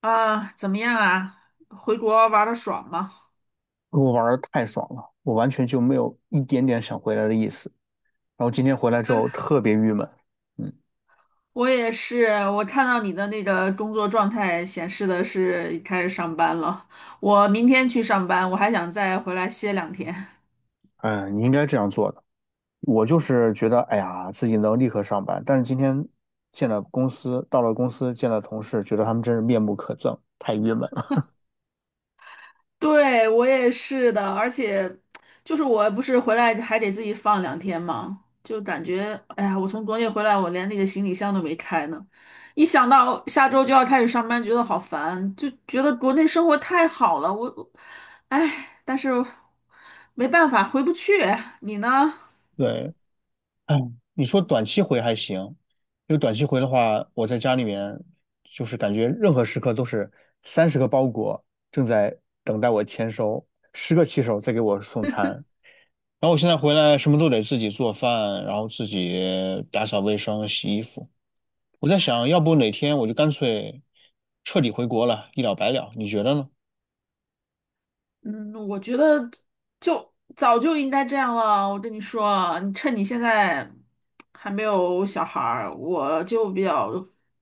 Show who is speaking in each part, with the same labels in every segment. Speaker 1: 啊，怎么样啊？回国玩的爽吗？
Speaker 2: 我玩的太爽了，我完全就没有一点点想回来的意思。然后今天回来之后特别郁闷，嗯，
Speaker 1: 我也是，我看到你的那个工作状态显示的是开始上班了。我明天去上班，我还想再回来歇两天。
Speaker 2: 嗯，你应该这样做的。我就是觉得，哎呀，自己能立刻上班，但是今天见了公司，到了公司见了同事，觉得他们真是面目可憎，太郁闷了。
Speaker 1: 对，我也是的，而且就是我不是回来还得自己放两天嘛，就感觉哎呀，我从国内回来，我连那个行李箱都没开呢。一想到下周就要开始上班，觉得好烦，就觉得国内生活太好了。我哎，但是没办法，回不去。你呢？
Speaker 2: 对，哎，你说短期回还行，因为短期回的话，我在家里面就是感觉任何时刻都是30个包裹正在等待我签收，十个骑手在给我送餐。然后我现在回来什么都得自己做饭，然后自己打扫卫生、洗衣服。我在想，要不哪天我就干脆彻底回国了，一了百了。你觉得呢？
Speaker 1: 嗯，我觉得就早就应该这样了。我跟你说啊你趁你现在还没有小孩儿，我就比较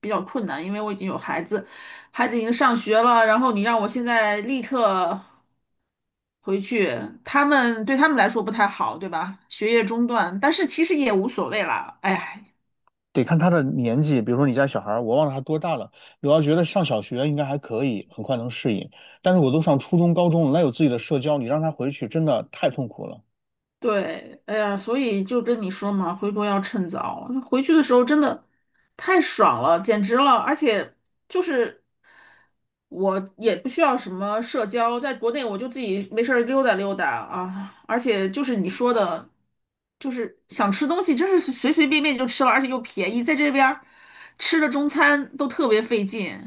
Speaker 1: 比较困难，因为我已经有孩子，孩子已经上学了，然后你让我现在立刻回去，对他们来说不太好，对吧？学业中断，但是其实也无所谓啦。哎呀
Speaker 2: 得看他的年纪，比如说你家小孩儿，我忘了他多大了。我要觉得上小学应该还可以，很快能适应。但是我都上初中、高中了，那有自己的社交，你让他回去真的太痛苦了。
Speaker 1: 对，哎呀，所以就跟你说嘛，回国要趁早。回去的时候真的太爽了，简直了！而且就是我也不需要什么社交，在国内我就自己没事儿溜达溜达啊。而且就是你说的，就是想吃东西，真是随随便便就吃了，而且又便宜，在这边儿吃的中餐都特别费劲，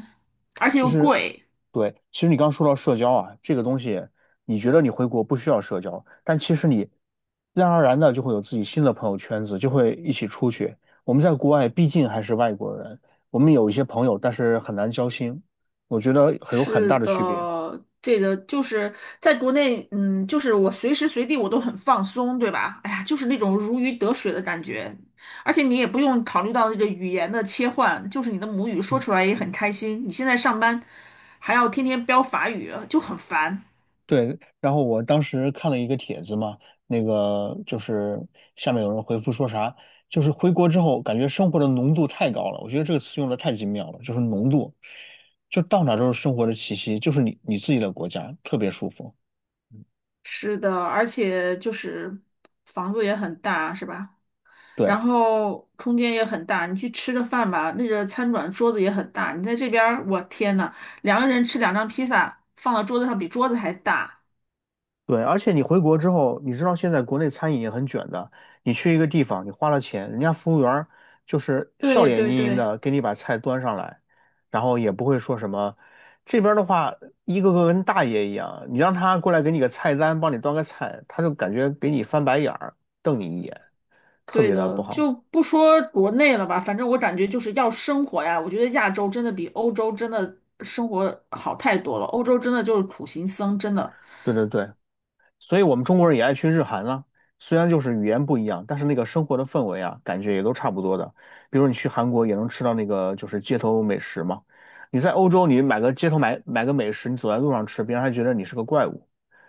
Speaker 1: 而且
Speaker 2: 其
Speaker 1: 又
Speaker 2: 实，
Speaker 1: 贵。
Speaker 2: 对，其实你刚说到社交啊，这个东西，你觉得你回国不需要社交，但其实你自然而然的就会有自己新的朋友圈子，就会一起出去。我们在国外毕竟还是外国人，我们有一些朋友，但是很难交心，我觉得很有很
Speaker 1: 是
Speaker 2: 大的区别。
Speaker 1: 的，这个就是在国内，嗯，就是我随时随地我都很放松，对吧？哎呀，就是那种如鱼得水的感觉，而且你也不用考虑到这个语言的切换，就是你的母语说出来也很开心。你现在上班还要天天飙法语，就很烦。
Speaker 2: 对，然后我当时看了一个帖子嘛，那个就是下面有人回复说啥，就是回国之后感觉生活的浓度太高了，我觉得这个词用的太精妙了，就是浓度，就到哪都是生活的气息，就是你自己的国家，特别舒服。
Speaker 1: 是的，而且就是房子也很大，是吧？然
Speaker 2: 对。
Speaker 1: 后空间也很大，你去吃个饭吧，那个餐馆桌子也很大。你在这边儿，我天呐，2个人吃2张披萨，放到桌子上比桌子还大。
Speaker 2: 对，而且你回国之后，你知道现在国内餐饮也很卷的。你去一个地方，你花了钱，人家服务员儿就是笑
Speaker 1: 对
Speaker 2: 脸
Speaker 1: 对
Speaker 2: 盈盈
Speaker 1: 对，
Speaker 2: 的给你把菜端上来，然后也不会说什么。这边儿的话，一个个跟大爷一样，你让他过来给你个菜单，帮你端个菜，他就感觉给你翻白眼儿，瞪你一眼，特
Speaker 1: 对
Speaker 2: 别的不
Speaker 1: 的，
Speaker 2: 好。
Speaker 1: 就不说国内了吧，反正我感觉就是要生活呀。我觉得亚洲真的比欧洲真的生活好太多了，欧洲真的就是苦行僧，真的。
Speaker 2: 对对对，所以我们中国人也爱去日韩啊，虽然就是语言不一样，但是那个生活的氛围啊，感觉也都差不多的。比如你去韩国也能吃到那个就是街头美食嘛，你在欧洲你买个街头买买个美食，你走在路上吃，别人还觉得你是个怪物，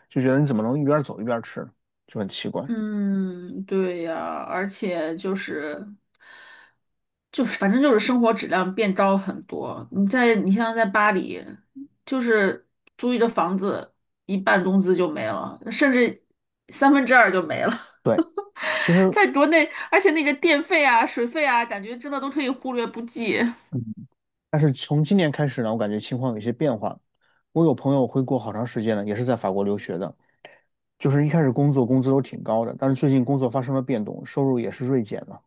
Speaker 2: 就觉得你怎么能一边走一边吃呢，就很奇怪。
Speaker 1: 嗯，对呀，而且就是，反正就是生活质量变糟很多。你像在巴黎，就是租一个房子，一半工资就没了，甚至2/3就没了。
Speaker 2: 对，其实，
Speaker 1: 在国内，而且那个电费啊、水费啊，感觉真的都可以忽略不计。
Speaker 2: 嗯，但是从今年开始呢，我感觉情况有些变化。我有朋友回国好长时间了，也是在法国留学的，就是一开始工作工资都挺高的，但是最近工作发生了变动，收入也是锐减了。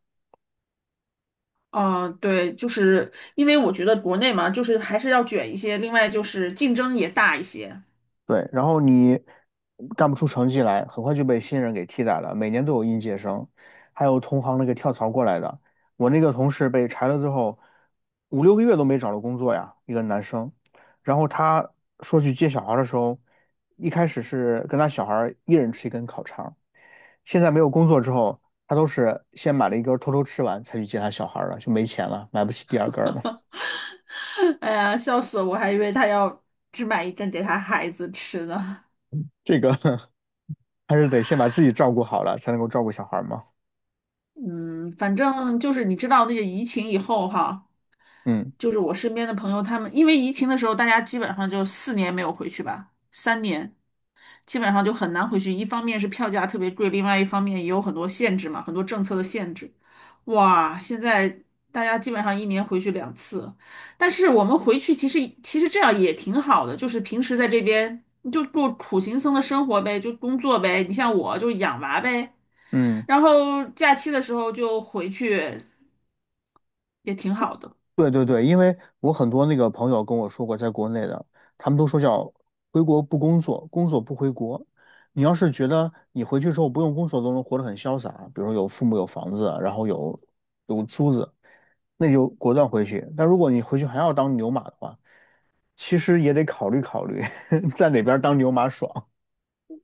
Speaker 1: 嗯，对，就是因为我觉得国内嘛，就是还是要卷一些，另外就是竞争也大一些。
Speaker 2: 对，然后你干不出成绩来，很快就被新人给替代了。每年都有应届生，还有同行那个跳槽过来的。我那个同事被裁了之后，五六个月都没找到工作呀，一个男生。然后他说去接小孩儿的时候，一开始是跟他小孩儿一人吃一根烤肠，现在没有工作之后，他都是先买了一根儿偷偷吃完才去接他小孩儿了，就没钱了，买不起第二根儿了。
Speaker 1: 哎呀，笑死我！我还以为他要只买一针给他孩子吃呢。
Speaker 2: 这个 还是得先把自己照顾好了，才能够照顾小孩儿嘛。
Speaker 1: 嗯，反正就是你知道那个疫情以后哈，
Speaker 2: 嗯
Speaker 1: 就是我身边的朋友他们，因为疫情的时候，大家基本上就4年没有回去吧，3年。基本上就很难回去。一方面是票价特别贵，另外一方面也有很多限制嘛，很多政策的限制。哇，现在大家基本上一年回去两次，但是我们回去其实这样也挺好的，就是平时在这边你就过苦行僧的生活呗，就工作呗。你像我就养娃呗，
Speaker 2: 嗯。
Speaker 1: 然后假期的时候就回去，也挺好的。
Speaker 2: 对对对，因为我很多那个朋友跟我说过，在国内的，他们都说叫回国不工作，工作不回国。你要是觉得你回去之后不用工作都能活得很潇洒，比如有父母有房子，然后有有租子，那就果断回去。但如果你回去还要当牛马的话，其实也得考虑考虑 在哪边当牛马爽。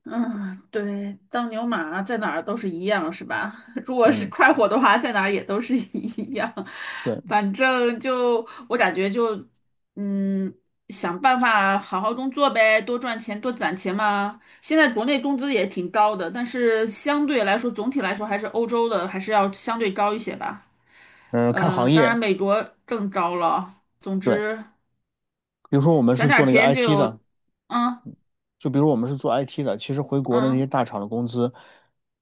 Speaker 1: 嗯，对，当牛马在哪儿都是一样，是吧？如果是
Speaker 2: 嗯，
Speaker 1: 快活的话，在哪儿也都是 一样。
Speaker 2: 对，
Speaker 1: 反正就我感觉就，嗯，想办法好好工作呗，多赚钱，多攒钱嘛。现在国内工资也挺高的，但是相对来说，总体来说还是欧洲的还是要相对高一些吧。
Speaker 2: 嗯，看行
Speaker 1: 当然
Speaker 2: 业，
Speaker 1: 美国更高了。总
Speaker 2: 对，
Speaker 1: 之，
Speaker 2: 比如说我们
Speaker 1: 攒
Speaker 2: 是
Speaker 1: 点儿
Speaker 2: 做那个
Speaker 1: 钱就
Speaker 2: IT 的，
Speaker 1: 有，嗯
Speaker 2: 就比如我们是做 IT 的，其实回国的那些
Speaker 1: 嗯
Speaker 2: 大厂的工资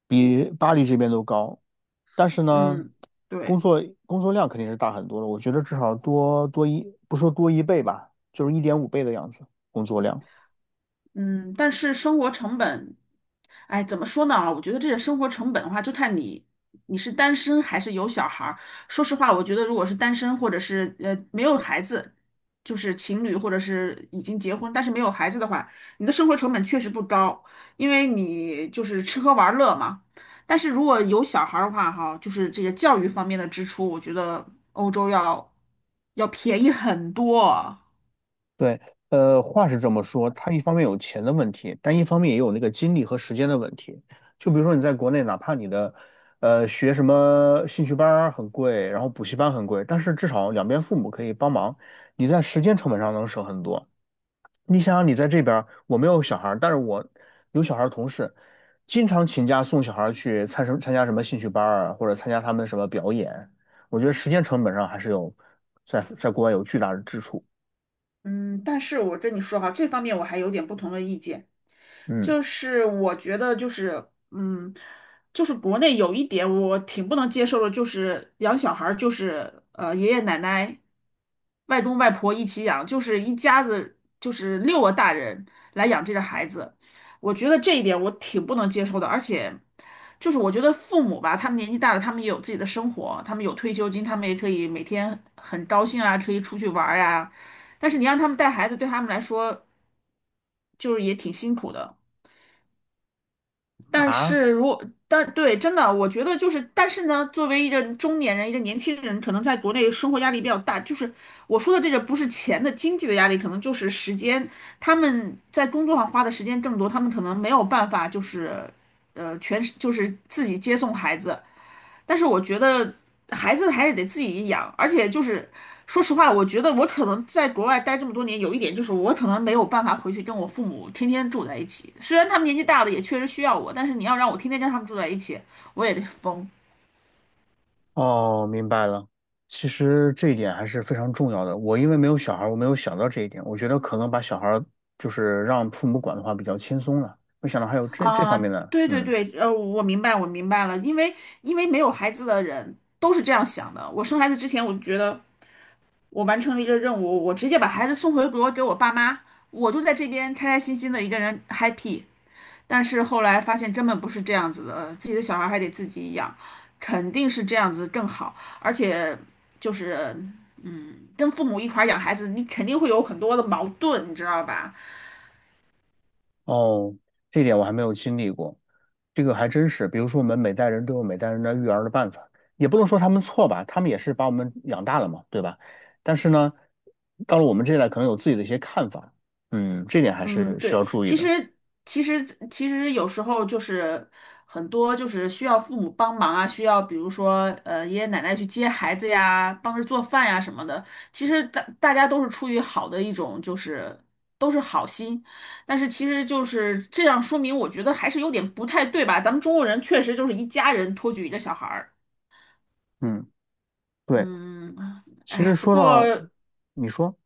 Speaker 2: 比巴黎这边都高，但是呢，
Speaker 1: 嗯，
Speaker 2: 工
Speaker 1: 对。
Speaker 2: 作工作量肯定是大很多的，我觉得至少多多一，不说多一倍吧，就是1.5倍的样子，工作量。
Speaker 1: 嗯，但是生活成本，哎，怎么说呢？我觉得这个生活成本的话，就看你是单身还是有小孩儿。说实话，我觉得如果是单身或者是没有孩子，就是情侣或者是已经结婚但是没有孩子的话，你的生活成本确实不高，因为你就是吃喝玩乐嘛。但是如果有小孩儿的话，哈，就是这个教育方面的支出，我觉得欧洲要便宜很多。
Speaker 2: 对，呃，话是这么说，他一方面有钱的问题，但一方面也有那个精力和时间的问题。就比如说你在国内，哪怕你的学什么兴趣班儿很贵，然后补习班很贵，但是至少两边父母可以帮忙，你在时间成本上能省很多。你想想，你在这边儿，我没有小孩儿，但是我有小孩儿同事，经常请假送小孩儿去参加什么兴趣班儿啊，或者参加他们什么表演。我觉得时间成本上还是有在国外有巨大的支出。
Speaker 1: 嗯，但是我跟你说哈，这方面我还有点不同的意见，
Speaker 2: 嗯
Speaker 1: 就是我觉得就是，嗯，就是国内有一点我挺不能接受的，就是养小孩儿就是爷爷奶奶、外公外婆一起养，就是一家子就是6个大人来养这个孩子，我觉得这一点我挺不能接受的，而且就是我觉得父母吧，他们年纪大了，他们也有自己的生活，他们有退休金，他们也可以每天很高兴啊，可以出去玩儿呀、但是你让他们带孩子，对他们来说就是也挺辛苦的。但
Speaker 2: 啊，
Speaker 1: 是如果，但对，真的，我觉得就是，但是呢，作为一个中年人，一个年轻人，可能在国内生活压力比较大。就是我说的这个，不是钱的经济的压力，可能就是时间，他们在工作上花的时间更多，他们可能没有办法，就是，全就是自己接送孩子。但是我觉得孩子还是得自己养，而且就是说实话，我觉得我可能在国外待这么多年，有一点就是我可能没有办法回去跟我父母天天住在一起。虽然他们年纪大了，也确实需要我，但是你要让我天天跟他们住在一起，我也得疯
Speaker 2: 哦，明白了。其实这一点还是非常重要的。我因为没有小孩儿，我没有想到这一点。我觉得可能把小孩儿就是让父母管的话比较轻松了，没想到还有这
Speaker 1: 啊！
Speaker 2: 方面的。
Speaker 1: 对对
Speaker 2: 嗯。
Speaker 1: 对，我明白，我明白了，因为没有孩子的人都是这样想的。我生孩子之前，我就觉得我完成了一个任务，我直接把孩子送回国给我爸妈，我就在这边开开心心的一个人 happy。但是后来发现根本不是这样子的，自己的小孩还得自己养，肯定是这样子更好，而且就是嗯，跟父母一块儿养孩子，你肯定会有很多的矛盾，你知道吧？
Speaker 2: 哦，这点我还没有经历过，这个还真是。比如说，我们每代人都有每代人的育儿的办法，也不能说他们错吧，他们也是把我们养大了嘛，对吧？但是呢，到了我们这一代，可能有自己的一些看法，嗯，这点还
Speaker 1: 嗯，
Speaker 2: 是
Speaker 1: 对，
Speaker 2: 要注意的。
Speaker 1: 其实其实有时候就是很多就是需要父母帮忙啊，需要比如说爷爷奶奶去接孩子呀，帮着做饭呀什么的。其实大家都是出于好的一种就是都是好心，但是其实就是这样说明，我觉得还是有点不太对吧？咱们中国人确实就是一家人托举一个小孩儿，
Speaker 2: 嗯，对。
Speaker 1: 嗯，
Speaker 2: 其实
Speaker 1: 哎，不
Speaker 2: 说到，
Speaker 1: 过。
Speaker 2: 你说，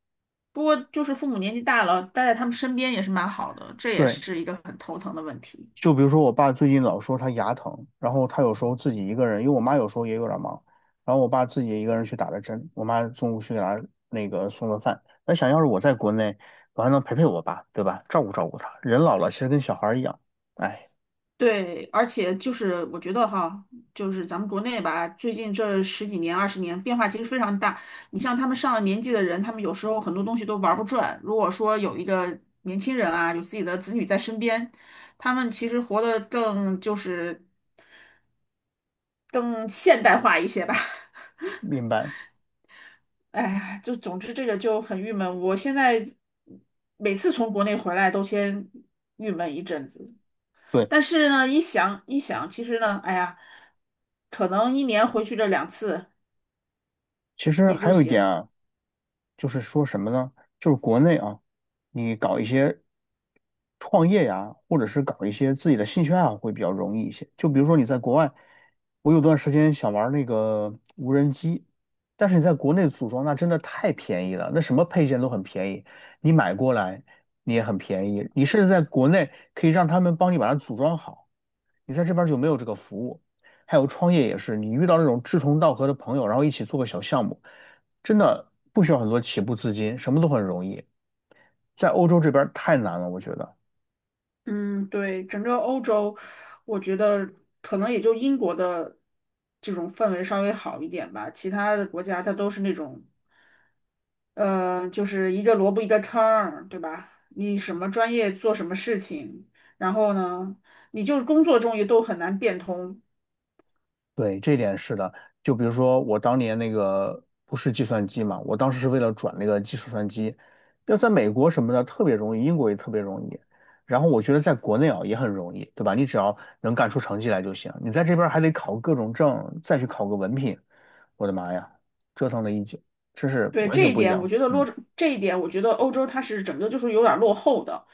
Speaker 1: 不过，就是父母年纪大了，待在他们身边也是蛮好的，这也
Speaker 2: 对。
Speaker 1: 是一个很头疼的问题。
Speaker 2: 就比如说我爸最近老说他牙疼，然后他有时候自己一个人，因为我妈有时候也有点忙，然后我爸自己一个人去打了针，我妈中午去给他那个送了饭。那想要是我在国内，我还能陪陪我爸，对吧？照顾照顾他。人老了其实跟小孩儿一样，哎，
Speaker 1: 对，而且就是我觉得哈，就是咱们国内吧，最近这十几年、20年变化其实非常大。你像他们上了年纪的人，他们有时候很多东西都玩不转。如果说有一个年轻人啊，有自己的子女在身边，他们其实活得更就是更现代化一些吧。
Speaker 2: 明白。
Speaker 1: 哎呀，就总之这个就很郁闷。我现在每次从国内回来都先郁闷一阵子。
Speaker 2: 对，
Speaker 1: 但是呢，一想一想，其实呢，哎呀，可能一年回去这两次
Speaker 2: 其实
Speaker 1: 也
Speaker 2: 还
Speaker 1: 就
Speaker 2: 有一点
Speaker 1: 行。
Speaker 2: 啊，就是说什么呢？就是国内啊，你搞一些创业呀，或者是搞一些自己的兴趣爱好会比较容易一些。就比如说你在国外，我有段时间想玩那个无人机，但是你在国内组装那真的太便宜了，那什么配件都很便宜，你买过来你也很便宜。你甚至在国内可以让他们帮你把它组装好。你在这边就没有这个服务。还有创业也是，你遇到那种志同道合的朋友，然后一起做个小项目，真的不需要很多起步资金，什么都很容易。在欧洲这边太难了，我觉得。
Speaker 1: 嗯，对，整个欧洲，我觉得可能也就英国的这种氛围稍微好一点吧，其他的国家它都是那种，就是一个萝卜一个坑儿，对吧？你什么专业做什么事情，然后呢，你就工作中也都很难变通。
Speaker 2: 对，这点是的。就比如说我当年那个不是计算机嘛，我当时是为了转那个计数算机，要在美国什么的特别容易，英国也特别容易。然后我觉得在国内啊也很容易，对吧？你只要能干出成绩来就行。你在这边还得考各种证，再去考个文凭。我的妈呀，折腾了一宿，这是
Speaker 1: 对
Speaker 2: 完
Speaker 1: 这
Speaker 2: 全
Speaker 1: 一
Speaker 2: 不一
Speaker 1: 点，我
Speaker 2: 样。
Speaker 1: 觉得落
Speaker 2: 嗯
Speaker 1: 这一点，我觉得欧洲它是整个就是有点儿落后的，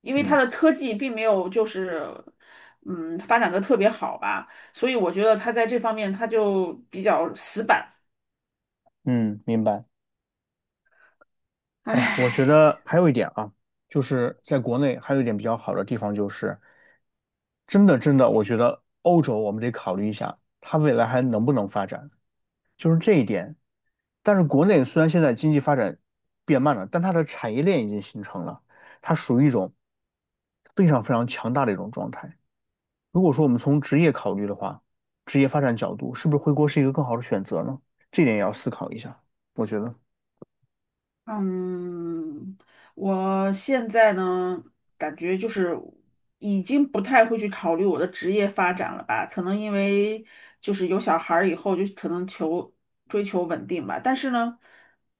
Speaker 1: 因为它
Speaker 2: 嗯
Speaker 1: 的科技并没有就是嗯发展的特别好吧，所以我觉得它在这方面它就比较死板，
Speaker 2: 嗯，明白。哎呀，我觉
Speaker 1: 唉。
Speaker 2: 得还有一点啊，就是在国内还有一点比较好的地方，就是真的真的，我觉得欧洲我们得考虑一下，它未来还能不能发展，就是这一点。但是国内虽然现在经济发展变慢了，但它的产业链已经形成了，它属于一种非常非常强大的一种状态。如果说我们从职业考虑的话，职业发展角度，是不是回国是一个更好的选择呢？这点也要思考一下，我觉得。
Speaker 1: 嗯，我现在呢，感觉就是已经不太会去考虑我的职业发展了吧，可能因为就是有小孩儿以后，就可能追求稳定吧。但是呢，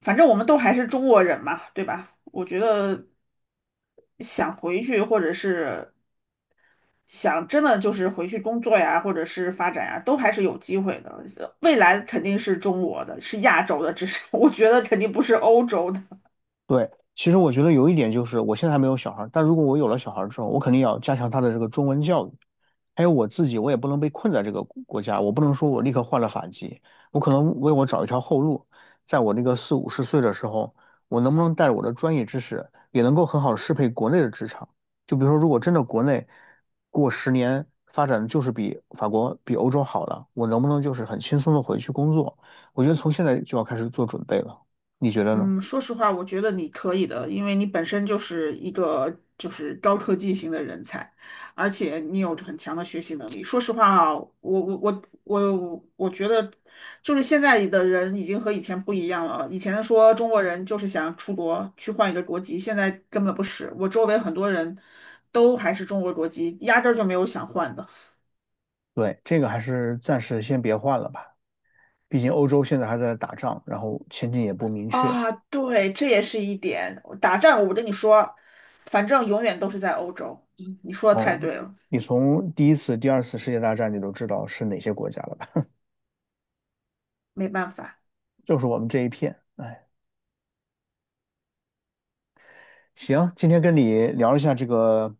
Speaker 1: 反正我们都还是中国人嘛，对吧？我觉得想回去，或者是想真的就是回去工作呀，或者是发展呀，都还是有机会的。未来肯定是中国的，是亚洲的，至少 我觉得肯定不是欧洲的。
Speaker 2: 对，其实我觉得有一点就是，我现在还没有小孩儿，但如果我有了小孩儿之后，我肯定要加强他的这个中文教育。还有我自己，我也不能被困在这个国家，我不能说我立刻换了法籍，我可能为我找一条后路，在我这个四五十岁的时候，我能不能带着我的专业知识，也能够很好的适配国内的职场？就比如说，如果真的国内过10年发展就是比法国、比欧洲好了，我能不能就是很轻松的回去工作？我觉得从现在就要开始做准备了，你觉得呢？
Speaker 1: 嗯，说实话，我觉得你可以的，因为你本身就是一个就是高科技型的人才，而且你有很强的学习能力。说实话啊，我觉得，就是现在的人已经和以前不一样了。以前说中国人就是想出国去换一个国籍，现在根本不是。我周围很多人都还是中国国籍，压根儿就没有想换的。
Speaker 2: 对，这个还是暂时先别换了吧，毕竟欧洲现在还在打仗，然后前景也不明确。
Speaker 1: 啊，对，这也是一点。打仗，我跟你说，反正永远都是在欧洲。嗯你说的太
Speaker 2: 哦，
Speaker 1: 对了。
Speaker 2: 你从第一次、第二次世界大战你都知道是哪些国家了吧？
Speaker 1: 没办法。
Speaker 2: 就是我们这一片。哎，行，今天跟你聊一下这个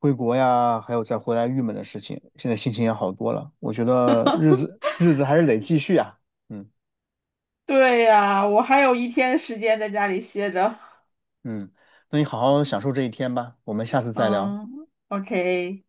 Speaker 2: 回国呀，还有再回来郁闷的事情，现在心情也好多了。我觉得日子日子还是得继续啊。嗯
Speaker 1: 对呀，我还有一天时间在家里歇着。
Speaker 2: 嗯，那你好好享受这一天吧，我们下次再聊。
Speaker 1: 嗯，OK。